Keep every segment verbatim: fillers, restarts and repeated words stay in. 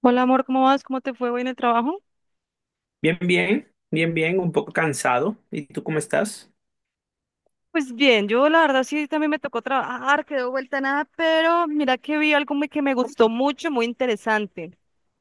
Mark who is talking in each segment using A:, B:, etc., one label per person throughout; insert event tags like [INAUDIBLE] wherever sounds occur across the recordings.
A: Hola amor, ¿cómo vas? ¿Cómo te fue hoy en el trabajo?
B: Bien, bien, bien, bien, un poco cansado. ¿Y tú cómo estás?
A: Pues bien, yo la verdad sí también me tocó trabajar, quedó vuelta a nada, pero mira que vi algo muy- que me gustó mucho, muy interesante.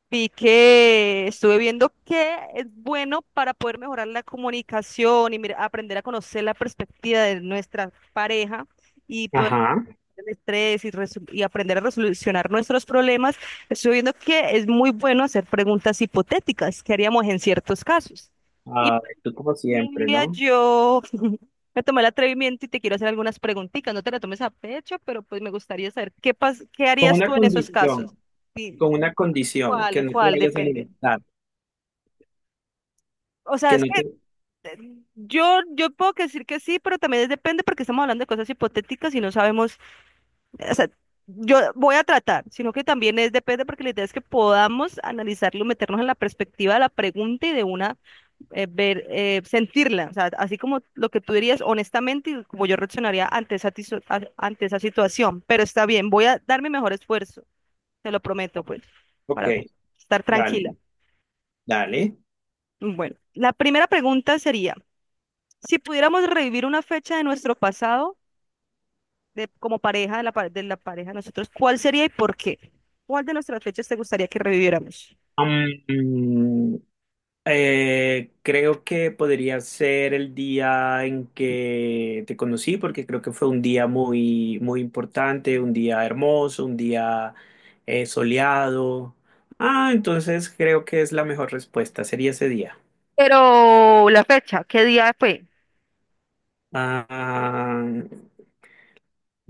A: Vi que estuve viendo que es bueno para poder mejorar la comunicación y mira, aprender a conocer la perspectiva de nuestra pareja y poder
B: Ajá.
A: el estrés y, resu- y aprender a resolucionar nuestros problemas. Estuve viendo que es muy bueno hacer preguntas hipotéticas que haríamos en ciertos casos.
B: Ah, tú como siempre,
A: Mira,
B: ¿no?
A: yo [LAUGHS] me tomé el atrevimiento y te quiero hacer algunas preguntitas. No te la tomes a pecho, pero pues me gustaría saber qué pas qué
B: Con
A: harías
B: una
A: tú en esos casos.
B: condición,
A: Sí,
B: con una condición, que
A: ¿cuál,
B: no te
A: cuál
B: vayas a
A: depende?
B: molestar,
A: O sea,
B: que
A: es
B: no
A: que
B: te...
A: eh, yo yo puedo decir que sí, pero también es depende porque estamos hablando de cosas hipotéticas y no sabemos, o sea, yo voy a tratar, sino que también es depende porque la idea es que podamos analizarlo, meternos en la perspectiva de la pregunta y de una eh, ver, eh, sentirla, o sea, así como lo que tú dirías honestamente y como yo reaccionaría ante esa, tiso- a- ante esa situación. Pero está bien, voy a dar mi mejor esfuerzo, te lo prometo, pues,
B: Ok,
A: para estar tranquila.
B: dale, dale.
A: Bueno, la primera pregunta sería, si pudiéramos revivir una fecha de nuestro pasado, de, como pareja, de la, pa- de la pareja de nosotros, ¿cuál sería y por qué? ¿Cuál de nuestras fechas te gustaría que reviviéramos?
B: Am, Eh, creo que podría ser el día en que te conocí, porque creo que fue un día muy, muy importante, un día hermoso, un día eh, soleado. Ah, entonces creo que es la mejor respuesta, sería ese día.
A: Pero la fecha, ¿qué día fue?
B: Ah,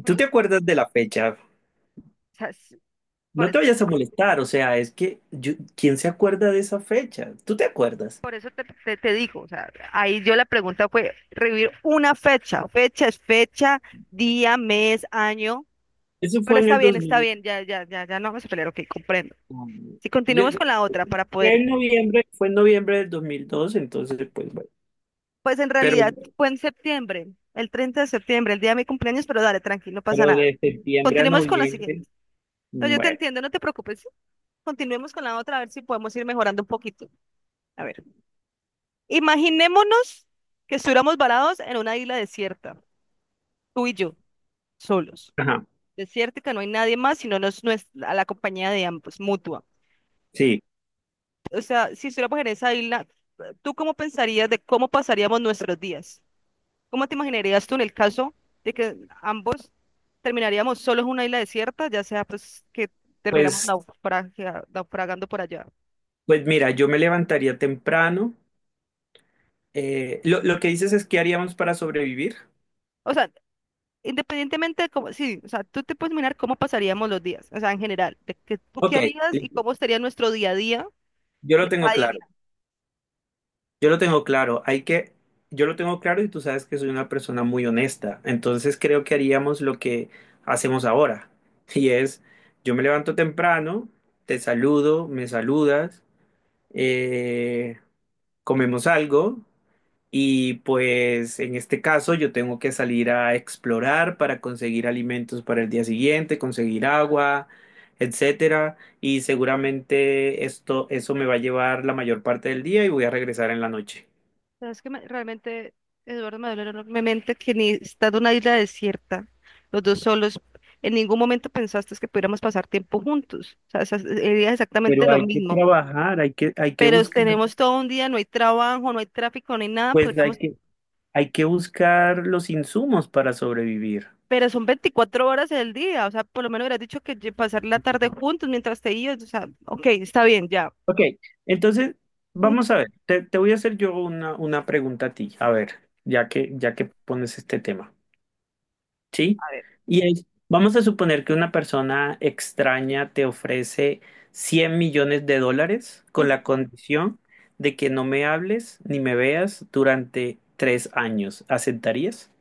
A: ¿Mm?
B: ¿tú te
A: O
B: acuerdas de la fecha?
A: sea, s- por
B: No te
A: eso te
B: vayas a
A: estoy preguntando.
B: molestar, o sea, es que yo- ¿quién se acuerda de esa fecha? ¿Tú te acuerdas?
A: Por eso te, te- te digo, o sea, ahí yo la pregunta fue revivir una fecha. Fecha es fecha, día, mes, año.
B: Eso
A: Pero
B: fue en
A: está
B: el
A: bien, está
B: dos mil.
A: bien, ya, ya, ya, ya no vamos a pelear, ok, comprendo. Si
B: Yo,
A: continuamos con la otra para
B: Fue
A: poder,
B: en noviembre, fue en noviembre del dos mil dos, entonces pues bueno,
A: pues en
B: pero,
A: realidad fue en septiembre, el treinta de septiembre, el día de mi cumpleaños, pero dale, tranquilo, no pasa
B: pero
A: nada.
B: de septiembre a
A: Continuemos con la
B: noviembre,
A: siguiente. No, yo te
B: bueno,
A: entiendo, no te preocupes. ¿sí? Continuemos con la otra, a ver si podemos ir mejorando un poquito. A ver, imaginémonos que estuviéramos varados en una isla desierta, tú y yo, solos.
B: ajá,
A: desierto que no hay nadie más, sino nos, nues- a la compañía de ambos, mutua.
B: sí,
A: O sea, si estuviéramos en esa isla, ¿tú cómo pensarías de cómo pasaríamos nuestros días? ¿Cómo te imaginarías tú en el caso de que ambos terminaríamos solos en una isla desierta, ya sea pues que terminamos
B: pues,
A: naufragia- naufragando por allá?
B: pues mira, yo me levantaría temprano. Eh, lo, lo que dices es qué haríamos para sobrevivir.
A: O sea, independientemente de cómo, sí, o sea, tú te puedes mirar cómo pasaríamos los días, o sea, en general, de que tú qué
B: Ok,
A: harías y
B: listo.
A: cómo sería nuestro día a día
B: Yo
A: en
B: lo tengo
A: esa
B: claro,
A: isla.
B: yo lo tengo claro, hay que, yo lo tengo claro y tú sabes que soy una persona muy honesta, entonces creo que haríamos lo que hacemos ahora, y es, yo me levanto temprano, te saludo, me saludas. Eh, Comemos algo y pues en este caso yo tengo que salir a explorar para conseguir alimentos para el día siguiente, conseguir agua, etcétera, y seguramente esto eso me va a llevar la mayor parte del día y voy a regresar en la noche.
A: Es que me- realmente Eduardo me dolió enormemente que ni estando en una isla desierta, los dos solos, en ningún momento pensaste que pudiéramos pasar tiempo juntos. O sea, esa- sería exactamente
B: Pero
A: lo
B: hay que
A: mismo.
B: trabajar, hay que hay que
A: Pero
B: buscar,
A: tenemos todo un día, no hay trabajo, no hay tráfico, no hay nada,
B: pues hay
A: podríamos,
B: que hay que buscar los insumos para sobrevivir.
A: pero son veinticuatro horas del día. O sea, por lo menos hubieras dicho que lle- pasar la tarde juntos mientras te ibas. O sea, ok, está bien, ya.
B: Ok, entonces vamos a ver, te, te voy a hacer yo una, una pregunta a ti, a ver, ya que, ya que pones este tema, ¿sí? Y es, vamos a suponer que una persona extraña te ofrece cien millones de dólares con la
A: [LAUGHS]
B: condición de que no me hables ni me veas durante tres años. ¿Aceptarías?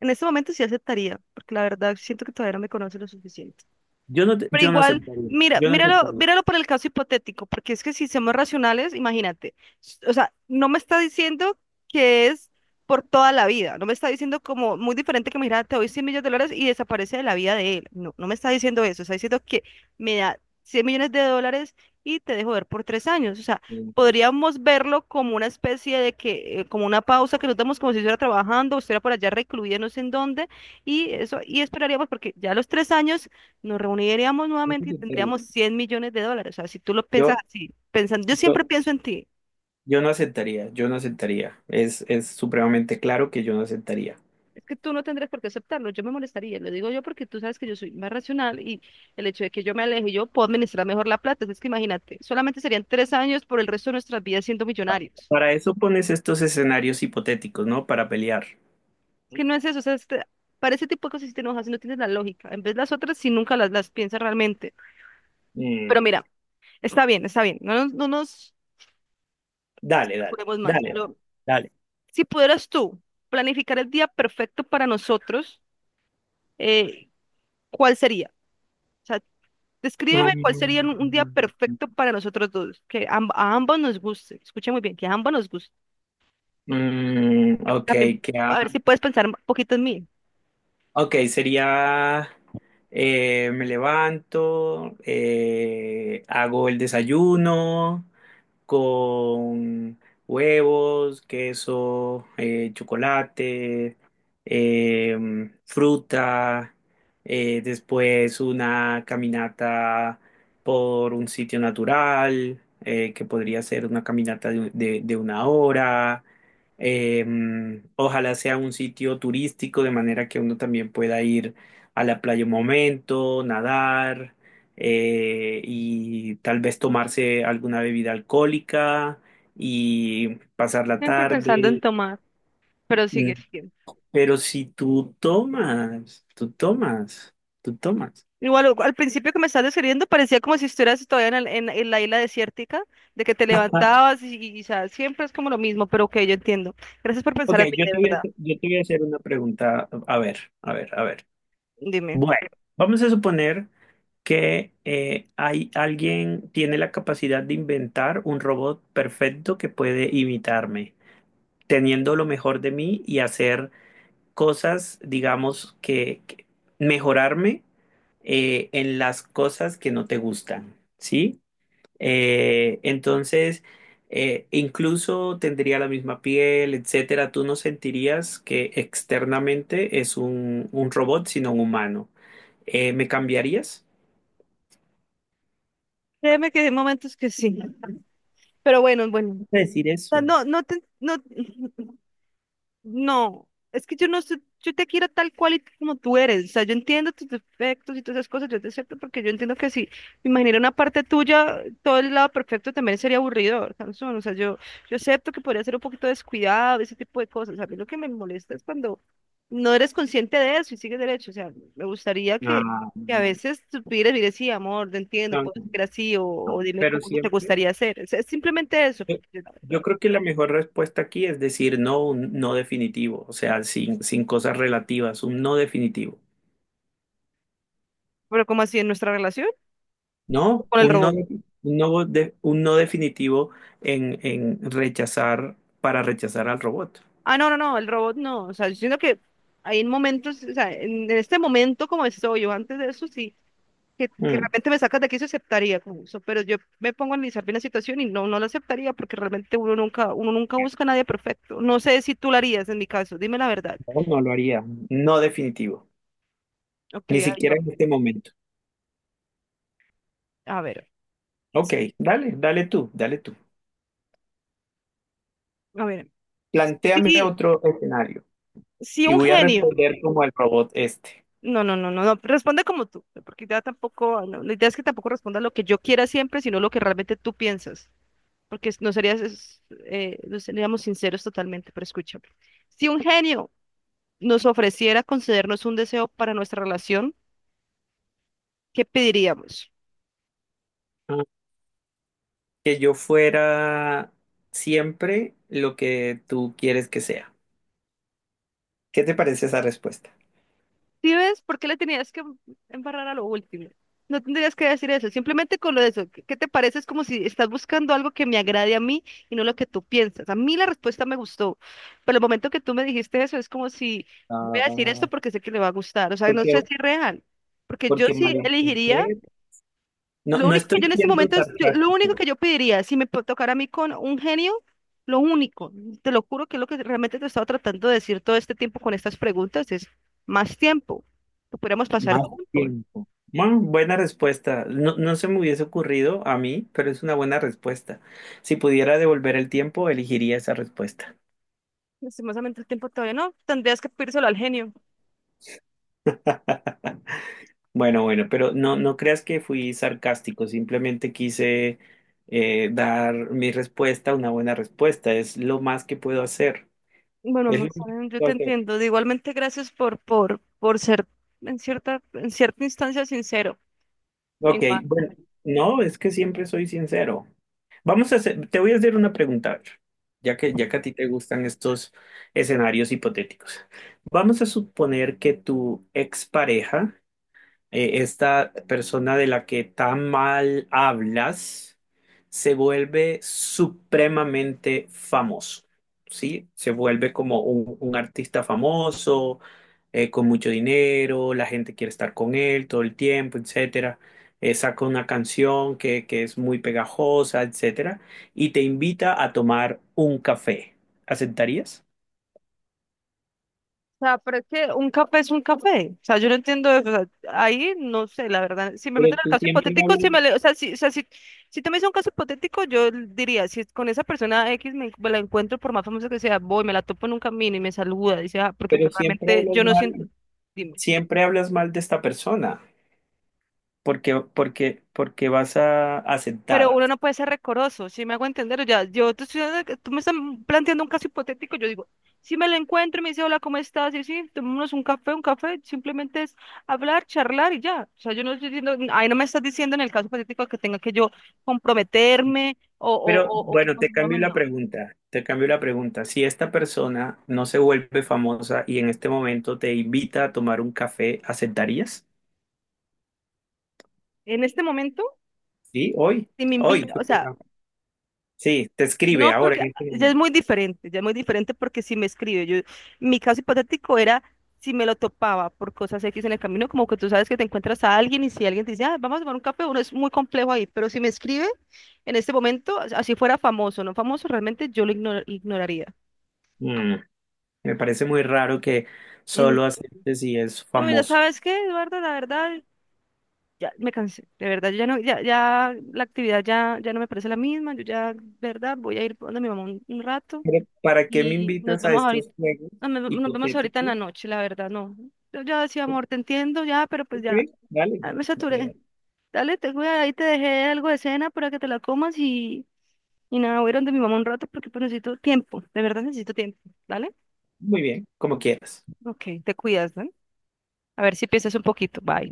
A: En este momento sí aceptaría, porque la verdad siento que todavía no me conoce lo suficiente.
B: Yo no, te-
A: Pero
B: yo no
A: igual,
B: aceptaría,
A: mira,
B: yo no
A: míralo,
B: aceptaría.
A: míralo por el caso hipotético, porque es que si somos racionales, imagínate, s- o sea, no me está diciendo que es por toda la vida, no me está diciendo como muy diferente que, mira, te doy cien millones de dólares y desaparece de la vida de él, no, no me está diciendo eso, está diciendo que me da cien millones de dólares y te dejo ver por tres años, o sea,
B: Yo
A: podríamos verlo como una especie de que, eh, como una pausa que nos damos como si estuviera trabajando, o estuviera por allá recluida, no sé en dónde, y eso, y esperaríamos porque ya a los tres años nos reuniríamos
B: no
A: nuevamente y
B: aceptaría.
A: tendríamos cien millones de dólares. O sea, si tú lo piensas
B: Yo,
A: así, pensando, yo
B: yo,
A: siempre pienso en ti.
B: Yo no aceptaría, yo no aceptaría. Es, es supremamente claro que yo no aceptaría.
A: Es que tú no tendrás por qué aceptarlo, yo me molestaría, lo digo yo porque tú sabes que yo soy más racional y el hecho de que yo me aleje, yo puedo administrar mejor la plata, es que imagínate, solamente serían tres años por el resto de nuestras vidas siendo millonarios.
B: Para eso pones estos escenarios hipotéticos, ¿no? Para pelear.
A: Es que no es eso, o sea, este- para ese tipo de cosas si te enojas, si no tienes la lógica, en vez de las otras si nunca las, las piensas realmente.
B: Mm,
A: Pero mira, está bien, está bien, no nos, no nos
B: dale, dale,
A: juremos más.
B: dale, dale,
A: Lo-
B: dale.
A: si pudieras tú planificar el día perfecto para nosotros, eh, ¿cuál sería? O sea, descríbeme cuál sería un, un día
B: Mm,
A: perfecto para nosotros dos, que amb- a ambos nos guste. Escucha muy bien, que a ambos nos guste.
B: mm, ok,
A: También,
B: ¿qué ha-
A: a ver si puedes pensar un poquito en mí.
B: ok, sería, eh, me levanto, eh, hago el desayuno, con huevos, queso, eh, chocolate, eh, fruta, eh, después una caminata por un sitio natural, eh, que podría ser una caminata de, de- de una hora. eh, Ojalá sea un sitio turístico, de manera que uno también pueda ir a la playa un momento, nadar eh, y tal vez tomarse alguna bebida alcohólica y pasar la
A: Siempre pensando en
B: tarde.
A: tomar, pero
B: Mm,
A: sigue siendo.
B: Pero si tú tomas, tú tomas, tú tomas.
A: Igual o- al principio que me estás describiendo parecía como si estuvieras todavía en, el- en- en la isla desértica, de que te
B: [LAUGHS]
A: levantabas y, y, o sea, siempre es como lo mismo, pero ok, yo entiendo. Gracias por pensar
B: Ok,
A: en mí,
B: yo
A: de
B: te voy a,
A: verdad.
B: yo te voy a hacer una pregunta. A ver, a ver, a ver.
A: Dime.
B: Bueno, vamos a suponer que eh, hay alguien tiene la capacidad de inventar un robot perfecto que puede imitarme, teniendo lo mejor de mí y hacer cosas, digamos, que, que mejorarme eh, en las cosas que no te gustan, ¿sí? Eh, entonces, eh, incluso tendría la misma piel, etcétera. Tú no sentirías que externamente es un, un robot, sino un humano. Eh, ¿me cambiarías?
A: Créeme que hay momentos que sí. Pero bueno, bueno.
B: No sé decir
A: O sea,
B: eso.
A: no, no te, no, no, es que yo no sé, yo te quiero tal cual y como tú eres. O sea, yo entiendo tus defectos y todas esas cosas, yo te acepto porque yo entiendo que si me imaginara una parte tuya, todo el lado perfecto también sería aburridor, Sansón. O sea, yo, yo acepto que podría ser un poquito descuidado, ese tipo de cosas. A mí lo que me molesta es cuando no eres consciente de eso y sigues derecho. O sea, me gustaría que,
B: Ah,
A: que a
B: no,
A: veces supieras y sí, amor, te entiendo,
B: no, no,
A: puedo ser así o, o
B: no.
A: dime
B: Pero
A: cómo te
B: siempre.
A: gustaría hacer. Es, es simplemente eso,
B: Yo
A: porque, la
B: yo
A: verdad.
B: creo que la mejor respuesta aquí es decir no, un no definitivo, o sea, sin, sin cosas relativas, un no definitivo,
A: Pero como así en nuestra relación
B: ¿no?
A: con el
B: Un no,
A: robot.
B: un no, de- un no definitivo en, en rechazar, para rechazar al robot.
A: Ah, no, no, no, el robot no. O sea, yo siento que hay momentos, o sea, en, en este momento como estoy, yo antes de eso sí, que, que
B: Mm,
A: realmente me sacas de aquí se aceptaría como eso, pero yo me pongo a analizar bien la situación y no, no la aceptaría porque realmente uno nunca, uno nunca busca a nadie perfecto. No sé si tú lo harías en mi caso, dime la verdad.
B: no, no lo haría, no definitivo,
A: Ok,
B: ni
A: ahí
B: siquiera
A: va.
B: en este momento.
A: A ver,
B: Ok, dale, dale tú, dale tú.
A: a ver.
B: Plantéame
A: Sí,
B: otro escenario
A: sí,
B: y
A: un
B: voy a
A: genio.
B: responder como el robot este.
A: No, no, no, no, no, responde como tú, porque ya tampoco, no, la idea es que tampoco responda lo que yo quiera siempre, sino lo que realmente tú piensas. porque es- no serías, es- eh, no seríamos sinceros totalmente, pero escúchame. Si un genio nos ofreciera concedernos un deseo para nuestra relación, ¿qué pediríamos?
B: Que yo fuera siempre lo que tú quieres que sea. ¿Qué te parece esa respuesta?
A: ¿Sí ves por qué le tenías que embarrar a lo último? No tendrías que decir eso, simplemente con lo de eso. ¿Qué qué te parece? Es como si estás buscando algo que me agrade a mí y no lo que tú piensas. A mí la respuesta me gustó, pero el momento que tú me dijiste eso es como si voy a decir esto
B: Ah,
A: porque sé que le va a gustar. O sea, no
B: Porque,
A: sé si es real, porque yo
B: porque
A: sí elegiría
B: malinterpreto. No,
A: Lo
B: no
A: único que
B: estoy
A: yo en este
B: siendo
A: momento es, yo- lo único que
B: sarcástico.
A: yo pediría, si me po- tocara a mí con un genio, lo único, te lo juro que es lo que realmente te he estado tratando de decir todo este tiempo con estas preguntas, es más tiempo, que pudiéramos pasar
B: Más
A: tiempo.
B: tiempo. Bueno, buena respuesta. No, no se me hubiese ocurrido a mí, pero es una buena respuesta. Si pudiera devolver el tiempo, elegiría esa respuesta.
A: Lastimosamente el tiempo todavía no, tendrías que pedírselo al genio.
B: [LAUGHS] Bueno, bueno, pero no, no creas que fui sarcástico, simplemente quise eh, dar mi respuesta, una buena respuesta, es lo más que puedo hacer,
A: Bueno,
B: es lo
A: amor,
B: más que
A: saben, yo
B: puedo
A: te
B: hacer.
A: entiendo. De igualmente, gracias por, por, por ser en cierta, en cierta instancia sincero.
B: Ok,
A: Igual.
B: bueno, no, es que siempre soy sincero. Vamos a hacer, te voy a hacer una pregunta, a ver, ya que, ya que a ti te gustan estos escenarios hipotéticos. Vamos a suponer que tu expareja eh, esta persona de la que tan mal hablas se vuelve supremamente famoso, ¿sí? Se vuelve como un, un artista famoso, eh, con mucho dinero, la gente quiere estar con él todo el tiempo, etcétera. Eh, saca una canción que, que es muy pegajosa, etcétera, y te invita a tomar un café. ¿Aceptarías?
A: O sea, pero es que un café es un café. O sea, yo no entiendo eso. O sea, ahí no sé, la verdad. Si me
B: Pero
A: meten al
B: tú
A: caso
B: siempre
A: hipotético,
B: hablas,
A: si me le- o sea, si, o sea, si, si tú me dices un caso hipotético, yo diría, si es con esa persona X me, me la encuentro, por más famosa que sea, voy, me la topo en un camino y me saluda, dice, ah, porque
B: pero
A: pues,
B: siempre
A: realmente yo
B: hablas
A: no siento.
B: mal,
A: Dime.
B: siempre hablas mal de esta persona. Porque, porque, porque vas a
A: Pero
B: aceptar.
A: uno no puede ser recoroso, si me hago entender, ya, yo te estoy dando- tú me estás planteando un caso hipotético, yo digo, si me lo encuentro y me dice, hola, ¿cómo estás? Y sí, tomémonos un café, un café, simplemente es hablar, charlar y ya. O sea, yo no estoy diciendo, ahí no me estás diciendo en el caso hipotético que tenga que yo comprometerme o,
B: Pero
A: o, o, o que-
B: bueno, te
A: no.
B: cambio la
A: No,
B: pregunta, te cambio la pregunta. Si esta persona no se vuelve famosa y en este momento te invita a tomar un café, ¿aceptarías?
A: en este momento,
B: Sí, hoy,
A: si me
B: hoy,
A: invita, o sea,
B: supongamos. Sí, te escribe
A: no,
B: ahora
A: porque
B: en
A: ah,
B: este
A: ya es
B: momento.
A: muy diferente, ya es muy diferente porque si me escribe, yo, mi caso hipotético era si me lo topaba por cosas X en el camino, como que tú sabes que te encuentras a alguien y si alguien te dice, ah, vamos a tomar un café, uno es muy complejo ahí, pero si me escribe en este momento, así fuera famoso, no famoso, realmente yo lo igno- ignoraría.
B: Mm, Me parece muy raro que
A: Mm.
B: solo aceptes si es
A: No, mira,
B: famoso.
A: ¿sabes qué, Eduardo? La verdad, ya me cansé, de verdad, yo ya no, ya, ya la actividad ya, ya no me parece la misma, yo ya, de verdad, voy a ir donde mi mamá un, un rato
B: Pero, ¿para qué me
A: y nos
B: invitas a
A: vemos ahorita,
B: estos juegos
A: no, me- nos vemos ahorita en la
B: hipotéticos?
A: noche, la verdad, no. Yo ya decía, amor, te entiendo ya, pero pues
B: Ok,
A: ya,
B: dale,
A: ah, me
B: dale,
A: saturé.
B: dale.
A: Dale, te voy, ahí te dejé algo de cena para que te la comas y, y nada, voy a ir donde mi mamá un rato porque pues necesito tiempo, de verdad necesito tiempo, ¿dale?
B: Muy bien, como quieras.
A: Ok, te cuidas, ¿no? A ver si piensas un poquito, bye.